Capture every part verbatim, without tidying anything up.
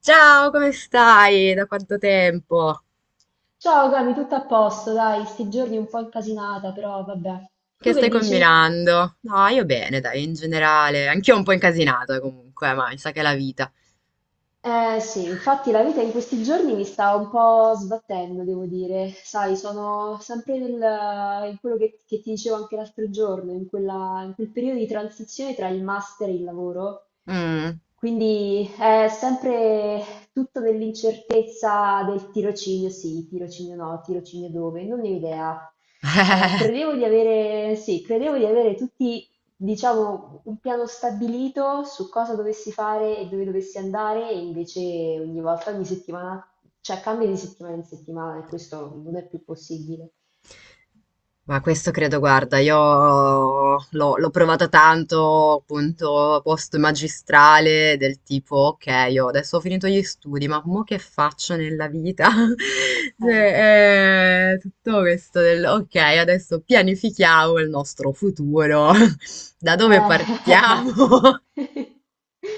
Ciao, come stai? Da quanto tempo? Ciao Cami, tutto a posto, dai, sti giorni un po' incasinata, però vabbè. Che Tu che stai dici? combinando? No, io bene, dai, in generale. Anch'io un po' incasinato comunque, ma mi sa che è la vita. Eh sì, infatti la vita in questi giorni mi sta un po' sbattendo, devo dire. Sai, sono sempre nel, in quello che, che ti dicevo anche l'altro giorno, in quella- in quel periodo di transizione tra il master e il lavoro. Mm. Quindi è sempre tutto nell'incertezza del tirocinio sì, tirocinio no, tirocinio dove, non ne ho idea. Eh, credevo di avere, sì, credevo di avere tutti diciamo, un piano stabilito su cosa dovessi fare e dove dovessi andare, e invece ogni volta, ogni settimana, cioè cambia di settimana in settimana e questo non è più possibile. Ma questo credo, guarda, io l'ho l'ho provata tanto, appunto, post magistrale, del tipo, ok, io adesso ho finito gli studi, ma mo che faccio nella vita? Eh, Cioè, eh, tutto questo del, ok, adesso pianifichiamo il nostro futuro, da dove eh. partiamo?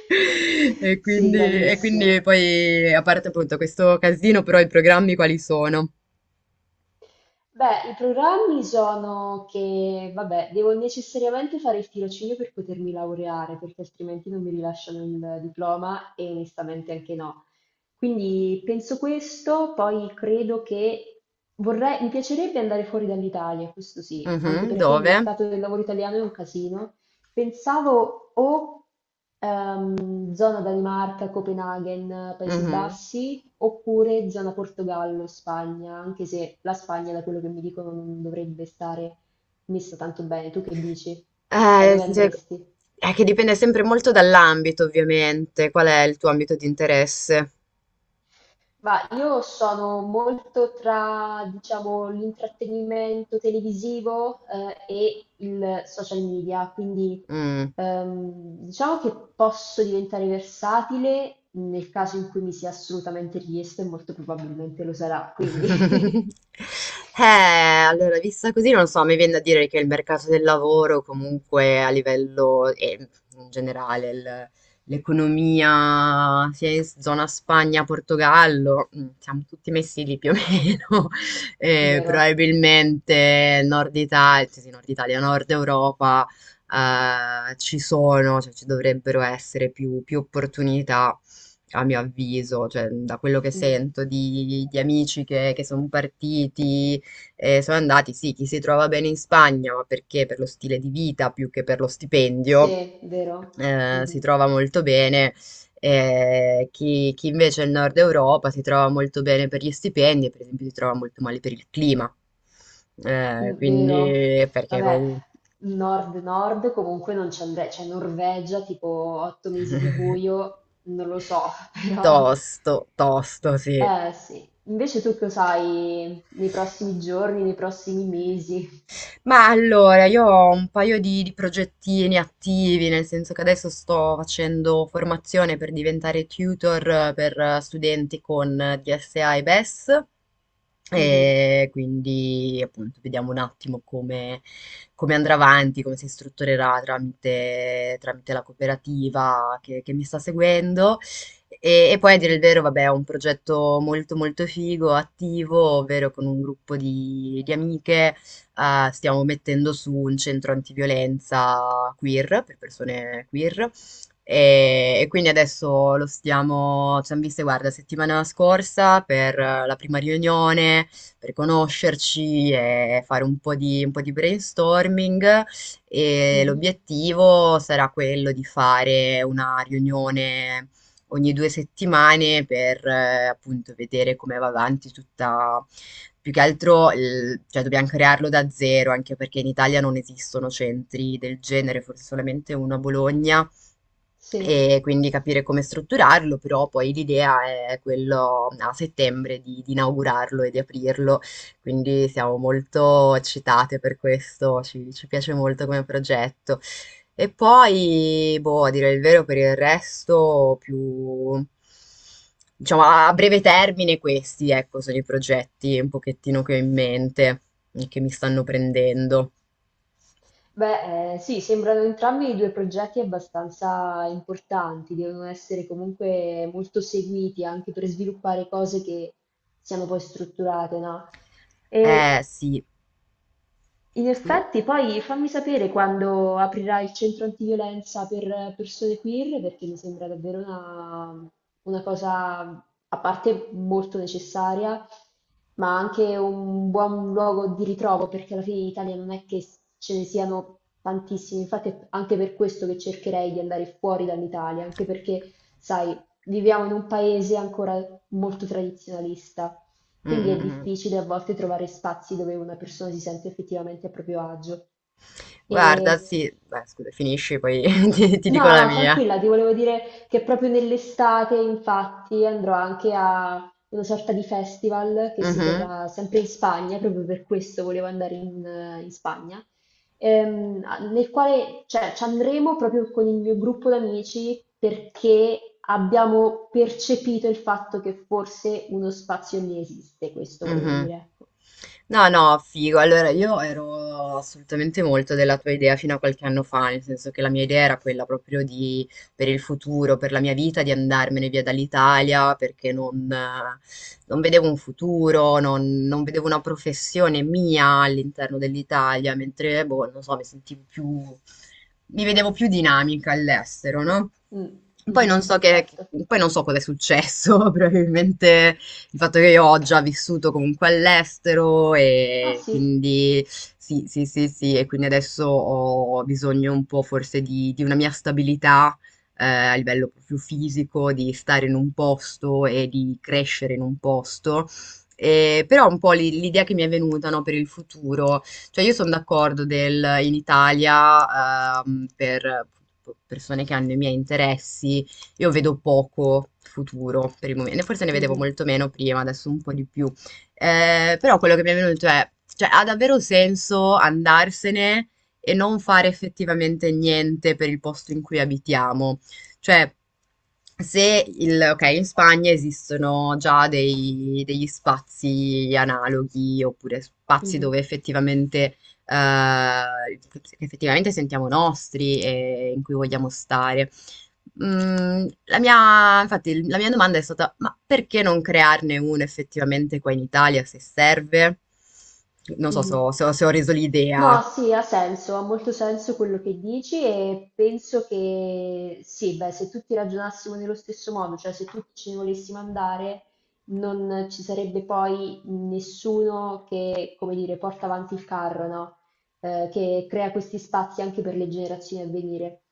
E Sì, quindi, e quindi gravissimo. poi, a parte appunto questo casino, però i programmi quali sono? Beh, i programmi sono che, vabbè, devo necessariamente fare il tirocinio per potermi laureare, perché altrimenti non mi rilasciano il diploma e onestamente anche no. Quindi penso questo, poi credo che vorrei, mi piacerebbe andare fuori dall'Italia, questo sì, anche Mhm, perché il dove? mercato del lavoro italiano è un casino. Pensavo o ehm, zona Danimarca, Copenaghen, Paesi Mhm. Bassi, oppure zona Portogallo, Spagna, anche se la Spagna, da quello che mi dicono, non dovrebbe stare messa tanto bene. Tu che dici? Cioè, Eh, dove Cioè, andresti? è che dipende sempre molto dall'ambito, ovviamente. Qual è il tuo ambito di interesse? Ma io sono molto tra, diciamo, l'intrattenimento televisivo, eh, e il social media, quindi Mm. ehm, diciamo che posso diventare versatile nel caso in cui mi sia assolutamente richiesto e molto probabilmente lo sarà, quindi. Eh, allora, vista così, non so, mi viene da dire che il mercato del lavoro, comunque a livello eh, in generale, il- l'economia sia in zona Spagna, Portogallo, mm, siamo tutti messi lì più o meno. Eh, vero. Probabilmente Nord Italia, sì, sì, Nord Italia, Nord Europa, eh, ci sono, cioè ci dovrebbero essere più più opportunità a mio avviso, cioè da quello che Mm. sento di, di amici che, che sono partiti, eh, sono andati, sì, chi si trova bene in Spagna, ma perché per lo stile di vita più che per lo stipendio, Sì, vero. eh, si Mm-hmm. trova molto bene. eh, chi, chi invece è in Nord Europa si trova molto bene per gli stipendi, e per esempio si trova molto male per il clima. Eh, Mm, vero? Quindi perché Vabbè, comunque nord-nord comunque non ci andrei, cioè Norvegia tipo otto mesi di buio, non lo so. Però tosto, tosto, sì. eh sì. Invece tu cosa sai nei prossimi giorni, nei prossimi mesi? Ma allora, io ho un paio di, di progettini attivi, nel senso che adesso sto facendo formazione per diventare tutor eh, per eh, studenti con eh, D S A e B E S. E S. Mhm, E quindi appunto vediamo un attimo come, come, andrà avanti, come si strutturerà tramite, tramite la cooperativa che, che mi sta seguendo. E, e poi a dire il mhm, vero, vabbè, è un progetto molto molto figo, attivo, ovvero con un gruppo di di amiche eh, stiamo mettendo su un centro antiviolenza queer, per persone queer, e, e quindi adesso lo stiamo, ci hanno viste, guarda, settimana scorsa per eh, la prima riunione, per conoscerci e fare un po' di, un po' di brainstorming e mhm. l'obiettivo sarà quello di fare una riunione ogni due settimane per eh, appunto vedere come va avanti tutta più che altro, il- cioè, dobbiamo crearlo da zero, anche perché in Italia non esistono centri del genere, forse solamente uno a Bologna Sì. e quindi capire come strutturarlo, però poi l'idea è quello a settembre di, di inaugurarlo e di aprirlo, quindi siamo molto eccitate per questo, ci, ci piace molto come progetto. E poi, boh, a dire il vero, per il resto più. Diciamo, a breve termine questi, ecco, sono i progetti un pochettino che ho in mente e che mi stanno prendendo. Beh, eh, sì, sembrano entrambi due progetti abbastanza importanti, devono essere comunque molto seguiti anche per sviluppare cose che siano poi strutturate, no? Eh E sì. in effetti, poi fammi sapere quando aprirà il centro antiviolenza per persone queer, perché mi sembra davvero una, una cosa, a parte molto necessaria, ma anche un buon luogo di ritrovo, perché alla fine in Italia non è che ce ne siano tantissimi. Infatti, è anche per questo che cercherei di andare fuori dall'Italia, anche perché, sai, viviamo in un paese ancora molto tradizionalista. Mm, Quindi mm, è mm. difficile a volte trovare spazi dove una persona si sente effettivamente a proprio agio. Guarda, E... sì, beh, scusa, finisci, poi ti, ti dico la No, mia. tranquilla, ti volevo dire che proprio nell'estate, infatti, andrò anche a una sorta di festival che si Mhm. terrà sempre in Spagna, proprio per questo volevo andare in, eh, in Spagna, ehm, a- nel quale, cioè, ci andremo proprio con il mio gruppo d'amici perché abbiamo percepito il fatto che forse uno spazio lì esiste, questo volevo Mhm. dire, ecco. No, no, figo. Allora, io ero assolutamente molto della tua idea fino a qualche anno fa, nel senso che la mia idea era quella proprio di, per il futuro, per la mia vita, di andarmene via dall'Italia perché non, eh, non vedevo un futuro, non, non vedevo una professione mia all'interno dell'Italia, mentre, boh, non so, mi sentivo più, mi vedevo più dinamica all'estero, no? Mh, Poi mh-mh, non so che, che- certo. poi non so cosa è successo, probabilmente il fatto che io ho già vissuto comunque all'estero Ah e sì, quindi sì, sì, sì, sì, e quindi adesso ho bisogno un po' forse di, di una mia stabilità eh, a livello più fisico, di stare in un posto e di crescere in un posto. E però un po' l'i- l'idea che mi è venuta, no, per il futuro, cioè io sono d'accordo del in Italia ehm, per persone che hanno i miei interessi, io vedo poco futuro per il momento, forse ne vedevo mh-mh, molto meno prima, adesso un po' di più. Eh, però quello che mi è venuto è, cioè, ha davvero senso andarsene e non fare effettivamente niente per il posto in cui abitiamo? Cioè, se il, ok, in Spagna esistono già dei- degli spazi analoghi oppure spazi mh-mh, dove effettivamente, eh, che effettivamente sentiamo nostri e in cui vogliamo stare. Mhmm, la mia infatti il la mia domanda è stata: ma perché non crearne uno effettivamente qua in Italia se serve? Non so se mh-mh. ho se ho se ho reso No, l'idea. sì, ha senso, ha molto senso quello che dici e penso che sì, beh, se tutti ragionassimo nello stesso modo, cioè se tutti ce ne volessimo andare, non ci sarebbe poi nessuno che, come dire, porta avanti il carro, no? Eh, che crea questi spazi anche per le generazioni a venire.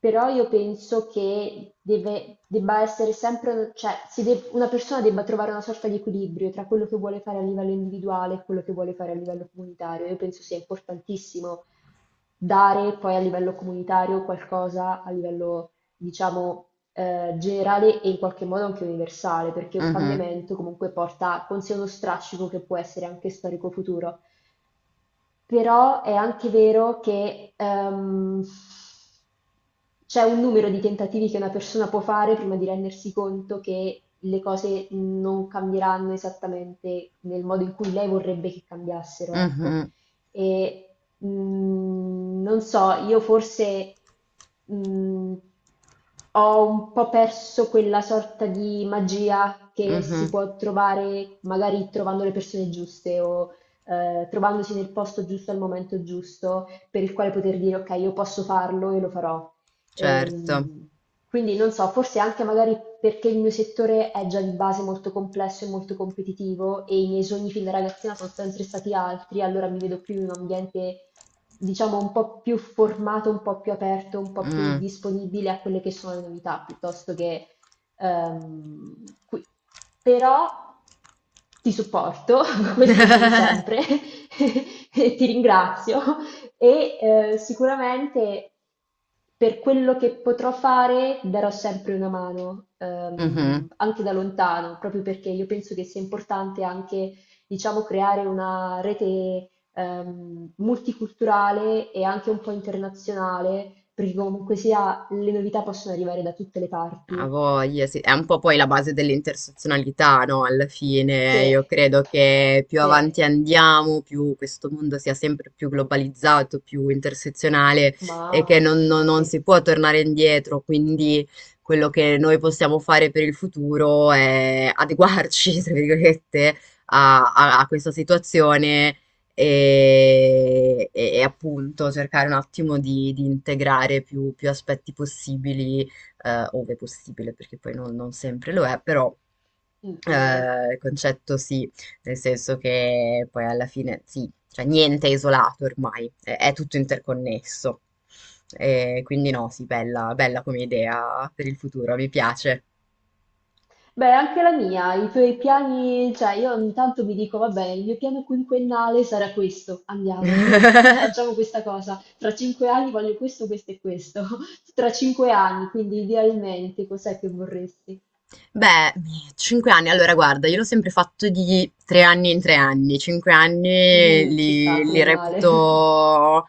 Però io penso che deve, debba essere sempre, cioè si de- una persona debba trovare una sorta di equilibrio tra quello che vuole fare a livello individuale e quello che vuole fare a livello comunitario. Io penso sia importantissimo dare poi a livello comunitario qualcosa a livello, diciamo, eh, generale e in qualche modo anche universale, perché un Mh-mh, cambiamento comunque porta con sé uno strascico che può essere anche storico futuro. Però è anche vero che ehm, c'è un numero di tentativi che una persona può fare prima di rendersi conto che le cose non cambieranno esattamente nel modo in cui lei vorrebbe che cambiassero, ecco. mh-mh, E mh, non so, io forse mh, ho un po' perso quella sorta di magia che mh-mh, si può trovare magari trovando le persone giuste o eh, trovandosi nel posto giusto al momento giusto, per il quale poter dire ok, io posso farlo e lo farò. certo. Ehm, quindi non so, forse anche magari perché il mio settore è già di base molto complesso e molto competitivo e i miei sogni fin da ragazzina sono sempre stati altri, allora mi vedo più in un ambiente, diciamo, un po' più formato, un po' più aperto, un po' più Mh, disponibile a quelle che sono le novità, piuttosto che ehm, qui. Però ti supporto, questo sì, sempre, e ti ringrazio e eh, sicuramente per quello che potrò fare darò sempre una mano, mh-mh. ehm, anche da lontano, proprio perché io penso che sia importante anche, diciamo, creare una rete ehm, multiculturale e anche un po' internazionale, perché comunque sia le novità possono arrivare da tutte le A parti. voglia, sì. È un po' poi la base dell'intersezionalità, no? Alla fine, Sì, io credo che più sì, avanti andiamo, più questo mondo sia sempre più globalizzato, più intersezionale e mamma che non, non- mia, non sì, si può tornare indietro. Quindi quello che noi possiamo fare per il futuro è adeguarci, tra virgolette, a, a- a questa situazione e, e- e appunto cercare un attimo di, di integrare più più aspetti possibili eh, ove possibile, perché poi non, non sempre lo è, però Mm, vero. eh, il concetto sì, nel senso che poi alla fine sì, cioè niente è isolato ormai, è, è tutto interconnesso. E quindi no, sì, bella, bella come idea per il futuro, mi piace. Beh, anche la mia, i tuoi piani, cioè io ogni tanto mi dico, vabbè, il mio piano quinquennale sarà questo, andiamo, facciamo questa cosa, tra cinque anni voglio questo, questo e questo, tra cinque anni, quindi idealmente cos'è che vorresti? Beh, cinque anni, allora guarda, io l'ho sempre fatto di tre anni in tre anni, cinque anni Mm, ci sta, li, li triennale. reputo,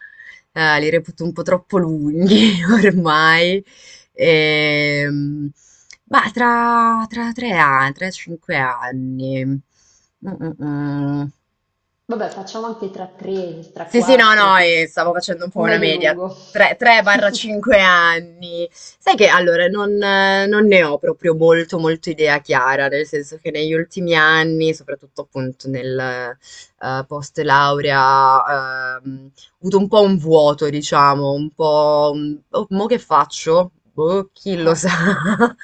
eh, li reputo un po' troppo lunghi ormai. Ehm, ma tra, tra tre anni, tre, cinque anni. Mm, mm, mm. Vabbè, facciamo anche tra tre, tra Sì, sì, no, quattro, no, ti- e stavo facendo un po' una medio media. lungo. dai tre ai cinque anni. Sai che allora non, eh, non ne ho proprio molto, molto idea chiara, nel senso che negli ultimi anni, soprattutto appunto nel eh, post laurea, ehm, ho avuto un po' un vuoto, diciamo, un po'... un- "Oh, mo che faccio? Boh, chi lo Eh, sa?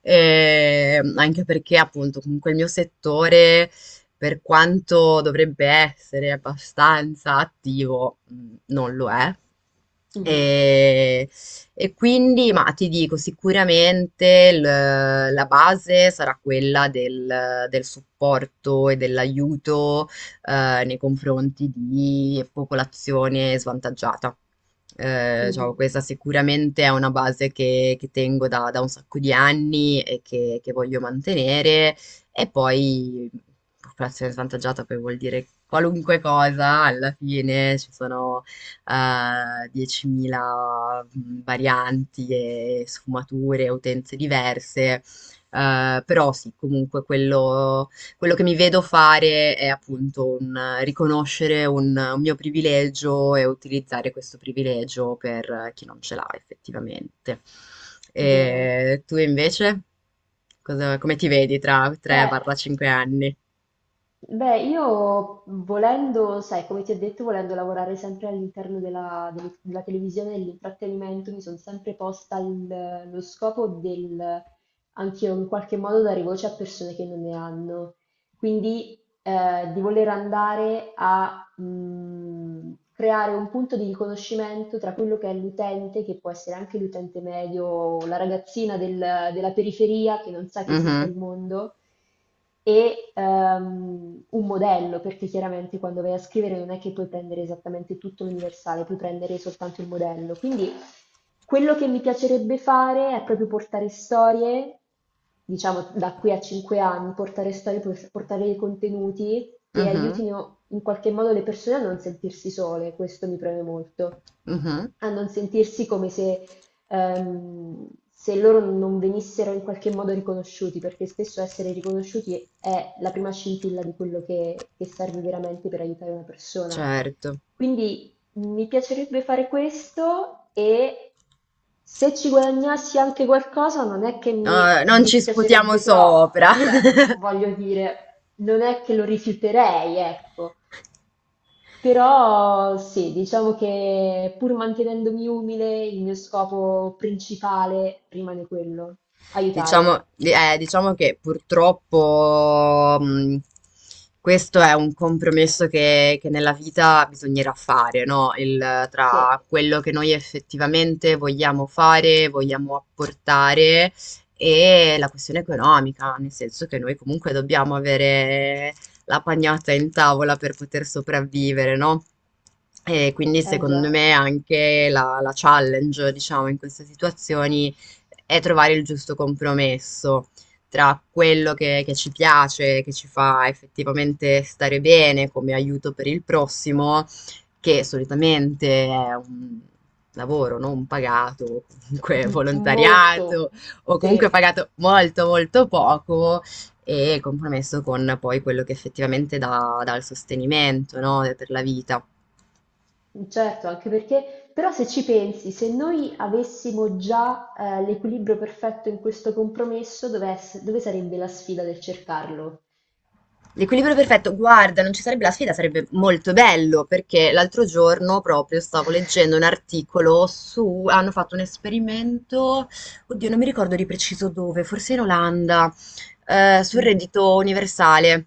E anche perché appunto comunque il mio settore per quanto dovrebbe essere abbastanza attivo, mhmm, non lo è. mhm, E e quindi ma ti dico, sicuramente l la base sarà quella del del supporto e dell'aiuto, ehm, nei confronti di popolazione svantaggiata. Ehm, diciamo mhm, questa sicuramente è una base che che tengo da da un sacco di anni e che che voglio mantenere e poi popolazione svantaggiata poi vuol dire qualunque cosa, alla fine ci sono eh, diecimila varianti e sfumature, utenze diverse, eh, però sì, comunque quello quello che mi vedo fare è appunto un eh, riconoscere un un mio privilegio e utilizzare questo privilegio per eh, chi non ce l'ha effettivamente. vero. E tu invece? Cosa- come ti vedi tra Beh. dai tre ai cinque anni? Beh, io volendo, sai, come ti ho detto, volendo lavorare sempre all'interno della, del- della televisione e dell'intrattenimento, mi sono sempre posta il- lo scopo del, anche io in qualche modo, dare voce a persone che non ne hanno. Quindi eh, di voler andare a mh, creare un punto di riconoscimento tra quello che è l'utente, che può essere anche l'utente medio o la ragazzina del- della periferia che non sa che esista Mhm, il mondo, e ehm, un modello, perché chiaramente quando vai a scrivere non è che puoi prendere esattamente tutto l'universale, puoi prendere soltanto il modello. Quindi quello che mi piacerebbe fare è proprio portare storie diciamo, da qui a cinque anni, portare storie, por- portare dei contenuti che mhm, aiutino in qualche modo le persone a non sentirsi sole, questo mi preme molto, mhm, a non sentirsi come se, ehm, se loro non venissero in qualche modo riconosciuti, perché spesso essere riconosciuti è la prima scintilla di quello che, che serve veramente per aiutare una persona. certo. Quindi mi piacerebbe fare questo e se ci guadagnassi anche qualcosa non è che mi No, non ci sputiamo dispiacerebbe sopra. troppo, cioè voglio dire, non è che lo rifiuterei, ecco. Però sì, diciamo che pur mantenendomi umile, il mio scopo principale rimane quello, Diciamo, aiutare. eh, diciamo che purtroppo mh, questo è un compromesso che, che nella vita bisognerà fare, no? Il- Sì, tra quello che noi effettivamente vogliamo fare, vogliamo apportare e la questione economica, nel senso che noi comunque dobbiamo avere la pagnotta in tavola per poter sopravvivere, no? E quindi è secondo già. me anche la, la challenge, diciamo, in queste situazioni è trovare il giusto compromesso tra quello che che ci piace, che ci fa effettivamente stare bene come aiuto per il prossimo, che solitamente è un lavoro non pagato, o comunque Molto, volontariato, o comunque sì. pagato molto, molto poco, e il compromesso con poi quello che effettivamente dà dà il sostenimento, no, per la vita. Certo, anche perché, però se ci pensi, se noi avessimo già eh, l'equilibrio perfetto in questo compromesso, dove, ess- dove sarebbe la sfida del cercarlo? L'equilibrio perfetto, guarda, non ci sarebbe la sfida, sarebbe molto bello perché l'altro giorno proprio stavo leggendo un articolo su, hanno fatto un esperimento, oddio, non mi ricordo di preciso dove, forse in Olanda, eh, sul Mm, reddito universale,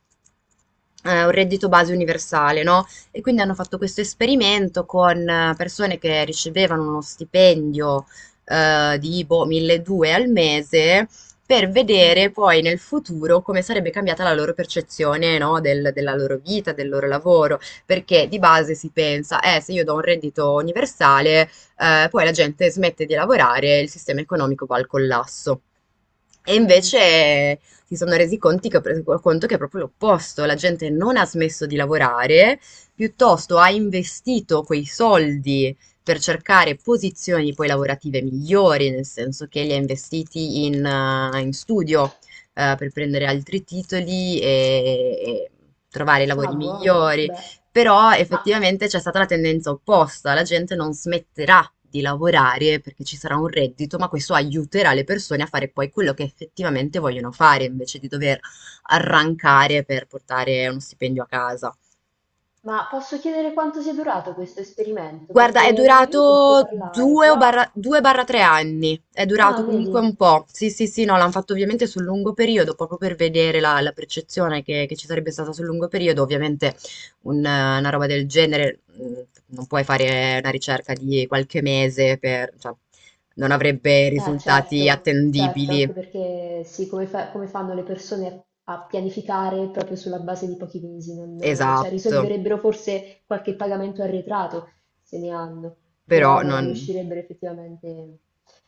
eh, un reddito base universale, no? E quindi hanno fatto questo esperimento con eh, persone che ricevevano uno stipendio eh, di boh, milleduecento al mese per vedere mhm, poi nel futuro come sarebbe cambiata la loro percezione, no, del- della loro vita, del loro lavoro, perché di base si pensa, eh, se io do un reddito universale, eh, poi la gente smette di lavorare e il sistema economico va al collasso. E mhm. invece si sono resi conti che, conto che è proprio l'opposto, la gente non ha smesso di lavorare, piuttosto ha investito quei soldi per cercare posizioni poi lavorative migliori, nel senso che li ha investiti in, eh, in studio eh, per prendere altri titoli e, e trovare Ah, lavori buono, migliori. beh. Però Ma, effettivamente c'è stata la tendenza opposta, la gente non smetterà di lavorare perché ci sarà un reddito, ma questo aiuterà le persone a fare poi quello che effettivamente vogliono fare, invece di dover arrancare per portare uno stipendio a casa. ma posso chiedere quanto sia durato questo esperimento? Guarda, è Perché non ne avevo sentito durato parlare, due o però... barra, due barra tre anni, è durato Ah, comunque vedi. un po'. Sì, sì, sì, no, l'hanno fatto ovviamente sul lungo periodo, proprio per vedere la, la percezione che, che ci sarebbe stata sul lungo periodo. Ovviamente un, eh, una roba del genere, mh, non puoi fare una ricerca di qualche mese per, cioè, non avrebbe Eh, risultati certo, certo, attendibili. anche perché sì, come, fa- come fanno le persone a, a pianificare proprio sulla base di pochi mesi? Non- cioè, Esatto, risolverebbero forse qualche pagamento arretrato, se ne hanno, però però non non. riuscirebbero effettivamente.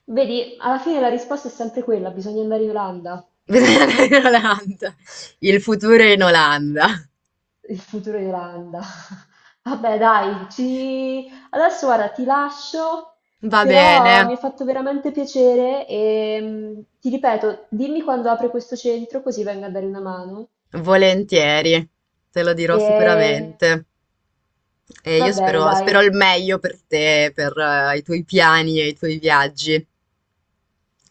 Vedi, alla fine la risposta è sempre quella, bisogna andare in Olanda. Bisogna andare in Olanda. Il futuro è in Olanda. Il futuro di Irlanda. Vabbè, dai, ci... adesso guarda, ti lascio, Va però bene. mi ha fatto veramente piacere e mm, ti ripeto, dimmi quando apre questo centro così vengo a dare una mano. Volentieri, te lo dirò E sicuramente. E va io bene, spero, dai, spero il meglio per te, per eh, i tuoi piani e i tuoi viaggi.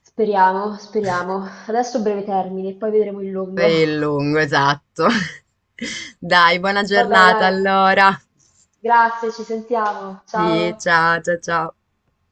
speriamo, speriamo. Adesso breve termine, poi vedremo il Per lungo. il lungo, esatto. Dai, buona Vabbè, giornata dai, allora. grazie, ci sentiamo. Sì, Ciao. ciao, ciao, ciao.